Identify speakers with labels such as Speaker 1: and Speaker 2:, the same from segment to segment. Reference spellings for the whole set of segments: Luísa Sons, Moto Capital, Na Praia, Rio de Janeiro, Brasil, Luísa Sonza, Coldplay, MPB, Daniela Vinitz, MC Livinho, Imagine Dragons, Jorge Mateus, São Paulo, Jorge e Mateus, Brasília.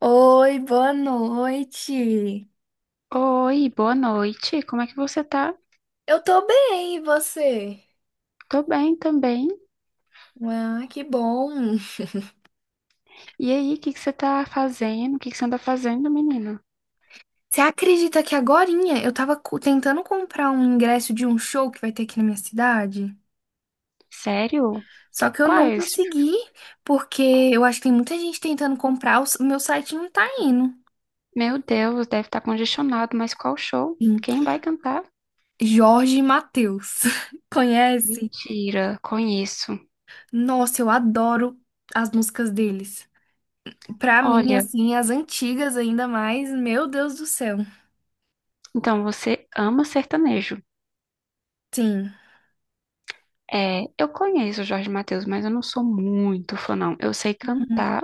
Speaker 1: Oi, boa noite.
Speaker 2: Oi, boa noite. Como é que você tá?
Speaker 1: Eu tô bem, e você?
Speaker 2: Tô bem também.
Speaker 1: Ah, que bom.
Speaker 2: E aí, o que que você tá fazendo? O que que você anda fazendo, menino?
Speaker 1: Você acredita que agorinha eu tava tentando comprar um ingresso de um show que vai ter aqui na minha cidade?
Speaker 2: Sério?
Speaker 1: Só que eu não
Speaker 2: Quais?
Speaker 1: consegui, porque eu acho que tem muita gente tentando comprar, o meu site não tá indo.
Speaker 2: Meu Deus, deve estar congestionado, mas qual show?
Speaker 1: Em
Speaker 2: Quem vai cantar?
Speaker 1: Jorge e Mateus. Conhece?
Speaker 2: Mentira, conheço.
Speaker 1: Nossa, eu adoro as músicas deles. Pra mim,
Speaker 2: Olha,
Speaker 1: assim, as antigas ainda mais, meu Deus do céu.
Speaker 2: então você ama sertanejo.
Speaker 1: Sim.
Speaker 2: É, eu conheço o Jorge Mateus, mas eu não sou muito fã, não. Eu sei cantar,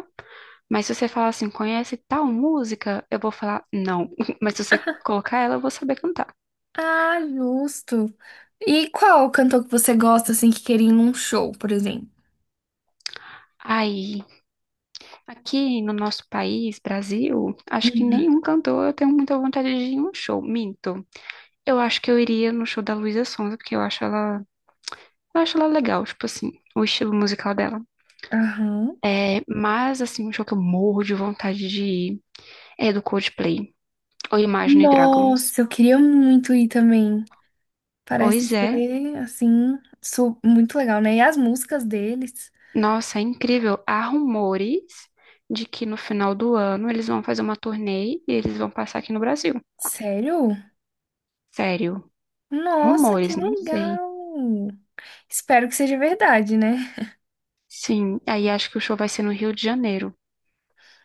Speaker 2: mas se você falar assim, conhece tal música, eu vou falar não. Mas se você colocar ela, eu vou saber cantar.
Speaker 1: Ah, justo. E qual cantor que você gosta, assim, que queria ir num show, por exemplo?
Speaker 2: Aí, aqui no nosso país, Brasil, acho que
Speaker 1: Uhum.
Speaker 2: nenhum cantor eu tenho muita vontade de ir em um show. Minto. Eu acho que eu iria no show da Luísa Sonza, porque eu acho ela legal, tipo assim, o estilo musical dela.
Speaker 1: Aham.
Speaker 2: É, mas assim, um show que eu morro de vontade de ir é do Coldplay, ou Imagine Dragons.
Speaker 1: Nossa, eu queria muito ir também.
Speaker 2: Pois
Speaker 1: Parece
Speaker 2: é,
Speaker 1: ser, assim, muito legal, né? E as músicas deles?
Speaker 2: nossa, é incrível. Há rumores de que no final do ano eles vão fazer uma turnê e eles vão passar aqui no Brasil.
Speaker 1: Sério?
Speaker 2: Sério,
Speaker 1: Nossa, que
Speaker 2: rumores, não sei.
Speaker 1: legal! Espero que seja verdade, né?
Speaker 2: Sim, aí acho que o show vai ser no Rio de Janeiro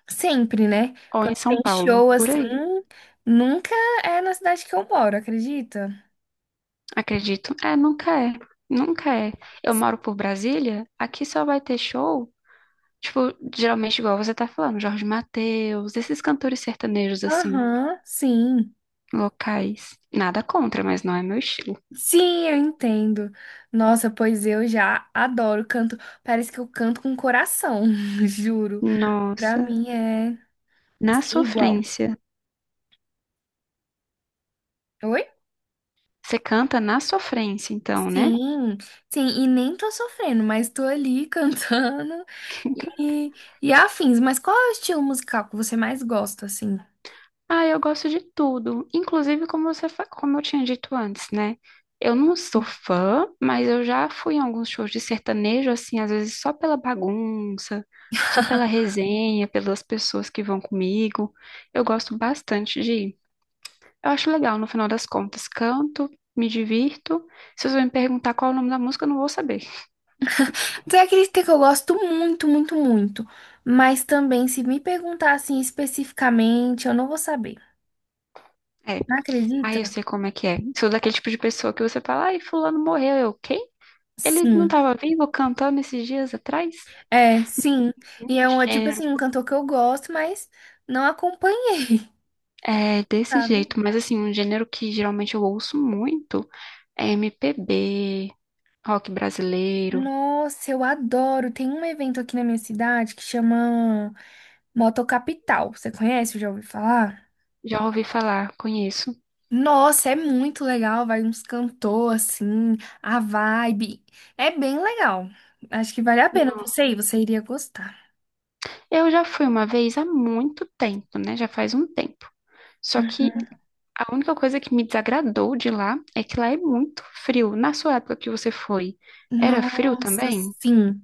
Speaker 1: Sempre, né?
Speaker 2: ou
Speaker 1: Quando
Speaker 2: em São
Speaker 1: tem
Speaker 2: Paulo,
Speaker 1: show
Speaker 2: por
Speaker 1: assim,
Speaker 2: aí.
Speaker 1: nunca é na cidade que eu moro, acredita?
Speaker 2: Acredito. É, nunca é. Nunca é. Eu moro por Brasília, aqui só vai ter show, tipo, geralmente igual você tá falando, Jorge Mateus, esses cantores sertanejos assim,
Speaker 1: Aham, sim.
Speaker 2: locais. Nada contra, mas não é meu estilo.
Speaker 1: Sim, eu entendo. Nossa, pois eu já adoro canto. Parece que eu canto com coração, juro. Pra
Speaker 2: Nossa,
Speaker 1: mim é
Speaker 2: na
Speaker 1: igual.
Speaker 2: sofrência.
Speaker 1: Oi?
Speaker 2: Você canta na sofrência, então, né?
Speaker 1: Sim, sim, e nem tô sofrendo, mas tô ali cantando e, e afins. Mas qual é o estilo musical que você mais gosta, assim?
Speaker 2: Ah, eu gosto de tudo. Inclusive, como você, como eu tinha dito antes, né? Eu não sou fã, mas eu já fui em alguns shows de sertanejo, assim, às vezes só pela bagunça, só pela resenha, pelas pessoas que vão comigo. Eu gosto bastante de ir. Eu acho legal, no final das contas, canto, me divirto. Se você me perguntar qual é o nome da música, eu não vou saber.
Speaker 1: Tem aquele que eu gosto muito, muito, muito. Mas também, se me perguntar assim especificamente, eu não vou saber.
Speaker 2: É,
Speaker 1: Não
Speaker 2: aí
Speaker 1: acredita?
Speaker 2: eu sei como é que é. Sou daquele tipo de pessoa que você fala, ai, fulano morreu. Eu, quem? Ele não
Speaker 1: Sim.
Speaker 2: estava vivo cantando esses dias atrás?
Speaker 1: É, sim.
Speaker 2: Um
Speaker 1: E é tipo assim, um
Speaker 2: gênero
Speaker 1: cantor que eu gosto, mas não acompanhei,
Speaker 2: É desse
Speaker 1: sabe?
Speaker 2: jeito, mas assim, um gênero que geralmente eu ouço muito é MPB, rock brasileiro.
Speaker 1: Nossa, eu adoro. Tem um evento aqui na minha cidade que chama Moto Capital. Você conhece? Já ouviu falar?
Speaker 2: Já ouvi falar, conheço.
Speaker 1: Nossa, é muito legal. Vai uns cantor assim, a vibe. É bem legal. Acho que vale a pena você
Speaker 2: Nossa.
Speaker 1: ir, você iria gostar.
Speaker 2: Eu já fui uma vez há muito tempo, né? Já faz um tempo. Só que a única coisa que me desagradou de lá é que lá é muito frio. Na sua época que você foi, era frio
Speaker 1: Nossa,
Speaker 2: também?
Speaker 1: sim.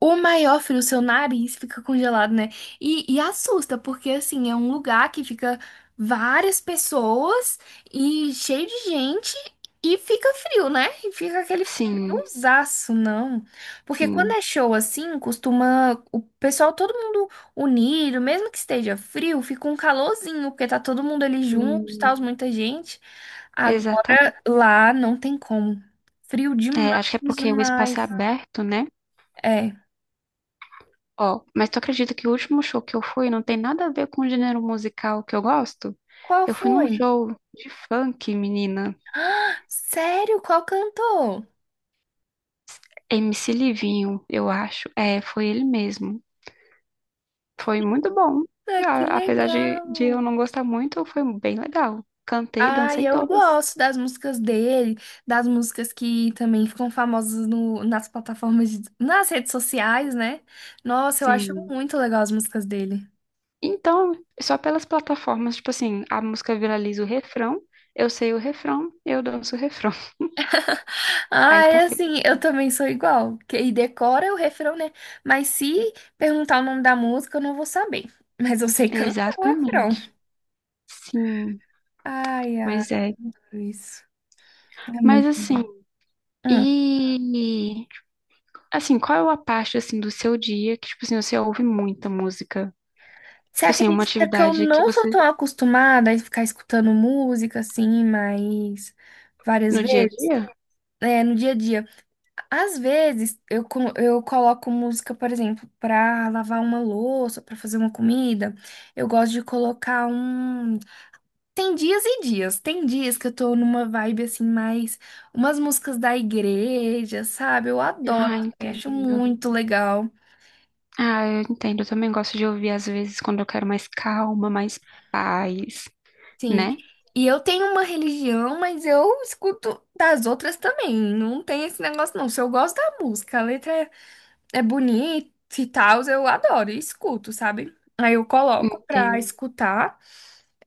Speaker 1: O maior frio, seu nariz fica congelado, né? E assusta, porque assim, é um lugar que fica várias pessoas e cheio de gente e fica frio, né? E fica aquele
Speaker 2: Sim,
Speaker 1: friozaço, não. Porque quando
Speaker 2: sim,
Speaker 1: é show assim, costuma o pessoal, todo mundo unido, mesmo que esteja frio, fica um calorzinho, porque tá todo mundo ali junto, tá
Speaker 2: sim.
Speaker 1: muita gente.
Speaker 2: Exatamente.
Speaker 1: Agora lá não tem como. Frio
Speaker 2: É, acho que é
Speaker 1: demais,
Speaker 2: porque o espaço é
Speaker 1: demais.
Speaker 2: aberto, né?
Speaker 1: É.
Speaker 2: Ó, mas tu acredita que o último show que eu fui não tem nada a ver com o gênero musical que eu gosto?
Speaker 1: Qual
Speaker 2: Eu fui num
Speaker 1: foi?
Speaker 2: show de funk, menina.
Speaker 1: Ah, sério? Qual cantor?
Speaker 2: MC Livinho, eu acho. É, foi ele mesmo. Foi muito bom.
Speaker 1: Ah, que
Speaker 2: Apesar de
Speaker 1: legal!
Speaker 2: eu não gostar muito, foi bem legal. Cantei,
Speaker 1: Ai,
Speaker 2: dancei
Speaker 1: eu
Speaker 2: todas.
Speaker 1: gosto das músicas dele, das músicas que também ficam famosas no, nas plataformas, nas redes sociais, né? Nossa, eu acho
Speaker 2: Sim.
Speaker 1: muito legal as músicas dele.
Speaker 2: Então, só pelas plataformas, tipo assim, a música viraliza o refrão, eu sei o refrão, eu danço o refrão. Aí
Speaker 1: Ai,
Speaker 2: tá feito.
Speaker 1: assim, eu também sou igual. E decora o refrão, né? Mas se perguntar o nome da música, eu não vou saber. Mas eu sei cantar o refrão.
Speaker 2: Exatamente. Sim,
Speaker 1: Ai, ai,
Speaker 2: pois é.
Speaker 1: isso. É
Speaker 2: Mas
Speaker 1: muito
Speaker 2: assim,
Speaker 1: bom. Hum.
Speaker 2: E assim, qual é a parte assim do seu dia que tipo assim você ouve muita música?
Speaker 1: Você
Speaker 2: Tipo assim, uma
Speaker 1: acredita que eu
Speaker 2: atividade que
Speaker 1: não sou
Speaker 2: você
Speaker 1: tão acostumada a ficar escutando música assim, mas várias
Speaker 2: no dia a
Speaker 1: vezes,
Speaker 2: dia?
Speaker 1: né, no dia a dia. Às vezes eu, eu coloco música, por exemplo, para lavar uma louça, para fazer uma comida. Eu gosto de colocar um. Tem dias e dias. Tem dias que eu tô numa vibe assim, mais umas músicas da igreja, sabe? Eu adoro,
Speaker 2: Ah,
Speaker 1: eu acho
Speaker 2: entendo.
Speaker 1: muito legal.
Speaker 2: Ah, eu entendo. Eu também gosto de ouvir às vezes quando eu quero mais calma, mais paz,
Speaker 1: Sim.
Speaker 2: né?
Speaker 1: E eu tenho uma religião, mas eu escuto das outras também. Não tem esse negócio, não. Se eu gosto da música, é bonita e tal, eu adoro e escuto, sabe? Aí eu coloco pra
Speaker 2: Entendo.
Speaker 1: escutar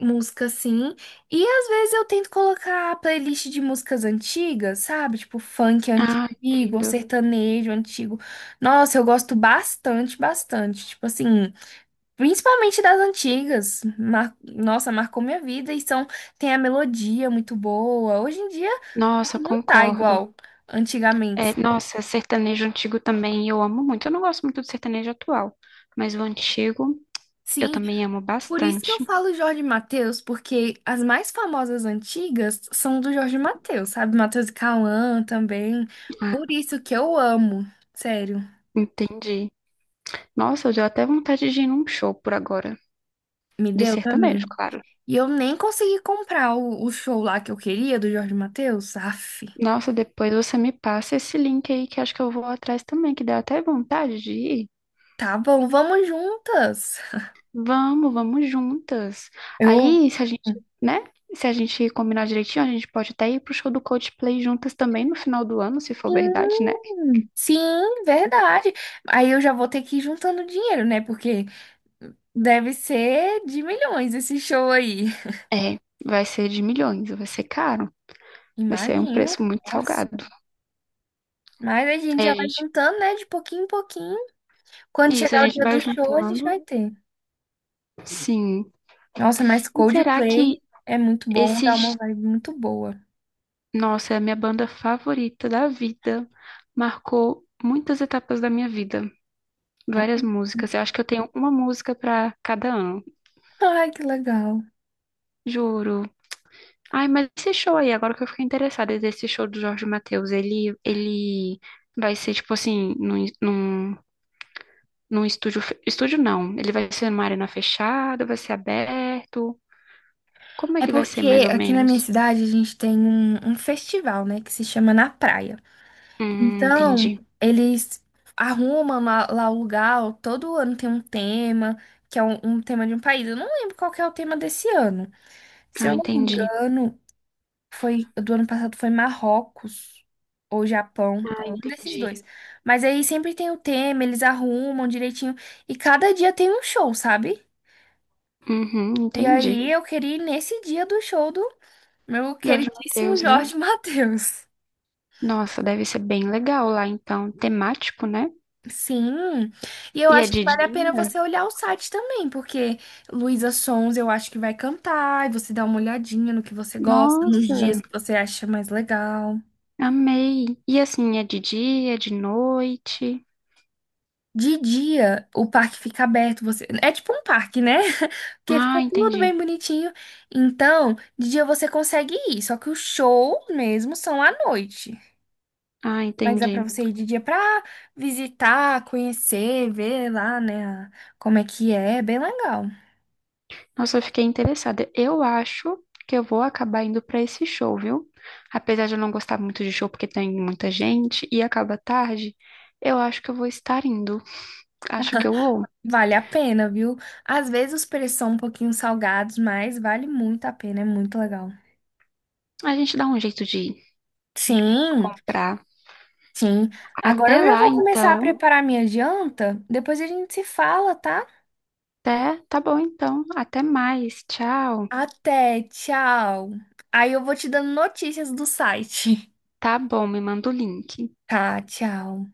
Speaker 1: música assim. E às vezes eu tento colocar playlist de músicas antigas, sabe? Tipo funk
Speaker 2: Ah,
Speaker 1: antigo,
Speaker 2: entendo.
Speaker 1: sertanejo antigo. Nossa, eu gosto bastante, bastante. Tipo assim. Principalmente das antigas. Nossa, marcou minha vida e são... tem a melodia muito boa. Hoje em dia
Speaker 2: Nossa,
Speaker 1: que não tá
Speaker 2: concordo.
Speaker 1: igual
Speaker 2: É,
Speaker 1: antigamente.
Speaker 2: nossa, sertanejo antigo também eu amo muito. Eu não gosto muito do sertanejo atual, mas o antigo eu
Speaker 1: Sim,
Speaker 2: também amo
Speaker 1: por isso que eu
Speaker 2: bastante.
Speaker 1: falo Jorge Mateus, porque as mais famosas antigas são do Jorge Mateus, sabe? Mateus e Cauã também.
Speaker 2: Ah,
Speaker 1: Por isso que eu amo, sério.
Speaker 2: entendi. Nossa, deu até vontade de ir num show por agora.
Speaker 1: Me
Speaker 2: De
Speaker 1: deu
Speaker 2: sertanejo,
Speaker 1: também.
Speaker 2: claro.
Speaker 1: E eu nem consegui comprar o show lá que eu queria do Jorge Mateus. Aff.
Speaker 2: Nossa, depois você me passa esse link aí que acho que eu vou atrás também, que deu até vontade de ir.
Speaker 1: Tá bom, vamos juntas.
Speaker 2: Vamos, vamos juntas.
Speaker 1: Eu
Speaker 2: Aí, se a gente, né? Se a gente combinar direitinho, a gente pode até ir pro show do Coldplay juntas também no final do ano, se for verdade, né?
Speaker 1: sim, sim, verdade. Aí eu já vou ter que ir juntando dinheiro, né? Porque deve ser de milhões esse show aí.
Speaker 2: É, vai ser de milhões, vai ser caro, vai ser um
Speaker 1: Imagino.
Speaker 2: preço muito salgado.
Speaker 1: Nossa. Mas a gente
Speaker 2: Aí a
Speaker 1: já vai
Speaker 2: gente,
Speaker 1: juntando, né? De pouquinho em pouquinho. Quando
Speaker 2: isso, a
Speaker 1: chegar o
Speaker 2: gente
Speaker 1: dia
Speaker 2: vai
Speaker 1: do show, a gente vai
Speaker 2: juntando.
Speaker 1: ter.
Speaker 2: Sim.
Speaker 1: Nossa, mas
Speaker 2: E será que
Speaker 1: Coldplay é muito bom, dá
Speaker 2: esses...
Speaker 1: uma vibe muito boa.
Speaker 2: Nossa, é a minha banda favorita da vida. Marcou muitas etapas da minha vida, várias músicas. Eu acho que eu tenho uma música pra cada ano,
Speaker 1: Ai, que legal.
Speaker 2: juro. Ai, mas esse show aí, agora que eu fiquei interessada, esse show do Jorge Mateus, ele vai ser tipo assim, num estúdio, estúdio não, ele vai ser numa arena fechada, vai ser aberto. Como é
Speaker 1: É
Speaker 2: que vai ser mais
Speaker 1: porque
Speaker 2: ou
Speaker 1: aqui na
Speaker 2: menos?
Speaker 1: minha cidade a gente tem um festival, né? Que se chama Na Praia. Então,
Speaker 2: Entendi.
Speaker 1: eles arrumam lá, lá o lugar, todo ano tem um tema, que é um tema de um país. Eu não lembro qual que é o tema desse ano. Se
Speaker 2: Ah,
Speaker 1: eu não me
Speaker 2: entendi.
Speaker 1: engano, foi do ano passado foi Marrocos ou Japão,
Speaker 2: Ah,
Speaker 1: algum desses
Speaker 2: entendi.
Speaker 1: dois. Mas aí sempre tem o tema, eles arrumam direitinho e cada dia tem um show, sabe?
Speaker 2: Uhum,
Speaker 1: E
Speaker 2: entendi.
Speaker 1: aí eu queria ir nesse dia do show do meu
Speaker 2: Jorge
Speaker 1: queridíssimo
Speaker 2: Mateus, né?
Speaker 1: Jorge Mateus.
Speaker 2: Nossa, deve ser bem legal lá, então, temático, né?
Speaker 1: Sim, e eu
Speaker 2: E é
Speaker 1: acho que
Speaker 2: de
Speaker 1: vale a pena
Speaker 2: dia?
Speaker 1: você olhar o site também, porque Luísa Sons eu acho que vai cantar, e você dá uma olhadinha no que você gosta, nos
Speaker 2: Nossa,
Speaker 1: dias que você acha mais legal.
Speaker 2: amei. E assim, é de dia, é de noite?
Speaker 1: De dia, o parque fica aberto, você... É tipo um parque, né? Porque
Speaker 2: Ah,
Speaker 1: fica tudo
Speaker 2: entendi.
Speaker 1: bem bonitinho. Então, de dia você consegue ir, só que o show mesmo são à noite.
Speaker 2: Ah,
Speaker 1: Mas dá pra
Speaker 2: entendi.
Speaker 1: você ir de dia pra visitar, conhecer, ver lá, né, como é que é, é bem legal.
Speaker 2: Nossa, eu fiquei interessada. Eu acho que eu vou acabar indo pra esse show, viu? Apesar de eu não gostar muito de show porque tem muita gente e acaba tarde, eu acho que eu vou estar indo. Acho que eu vou.
Speaker 1: Vale a pena, viu? Às vezes os preços são um pouquinho salgados, mas vale muito a pena, é muito legal.
Speaker 2: A gente dá um jeito de
Speaker 1: Sim,
Speaker 2: comprar.
Speaker 1: sim. Agora
Speaker 2: Até
Speaker 1: eu já
Speaker 2: lá,
Speaker 1: vou começar a
Speaker 2: então.
Speaker 1: preparar minha janta. Depois a gente se fala, tá?
Speaker 2: É, tá bom então. Até mais. Tchau.
Speaker 1: Até, tchau. Aí eu vou te dando notícias do site.
Speaker 2: Tá bom, me manda o link.
Speaker 1: Tá, tchau.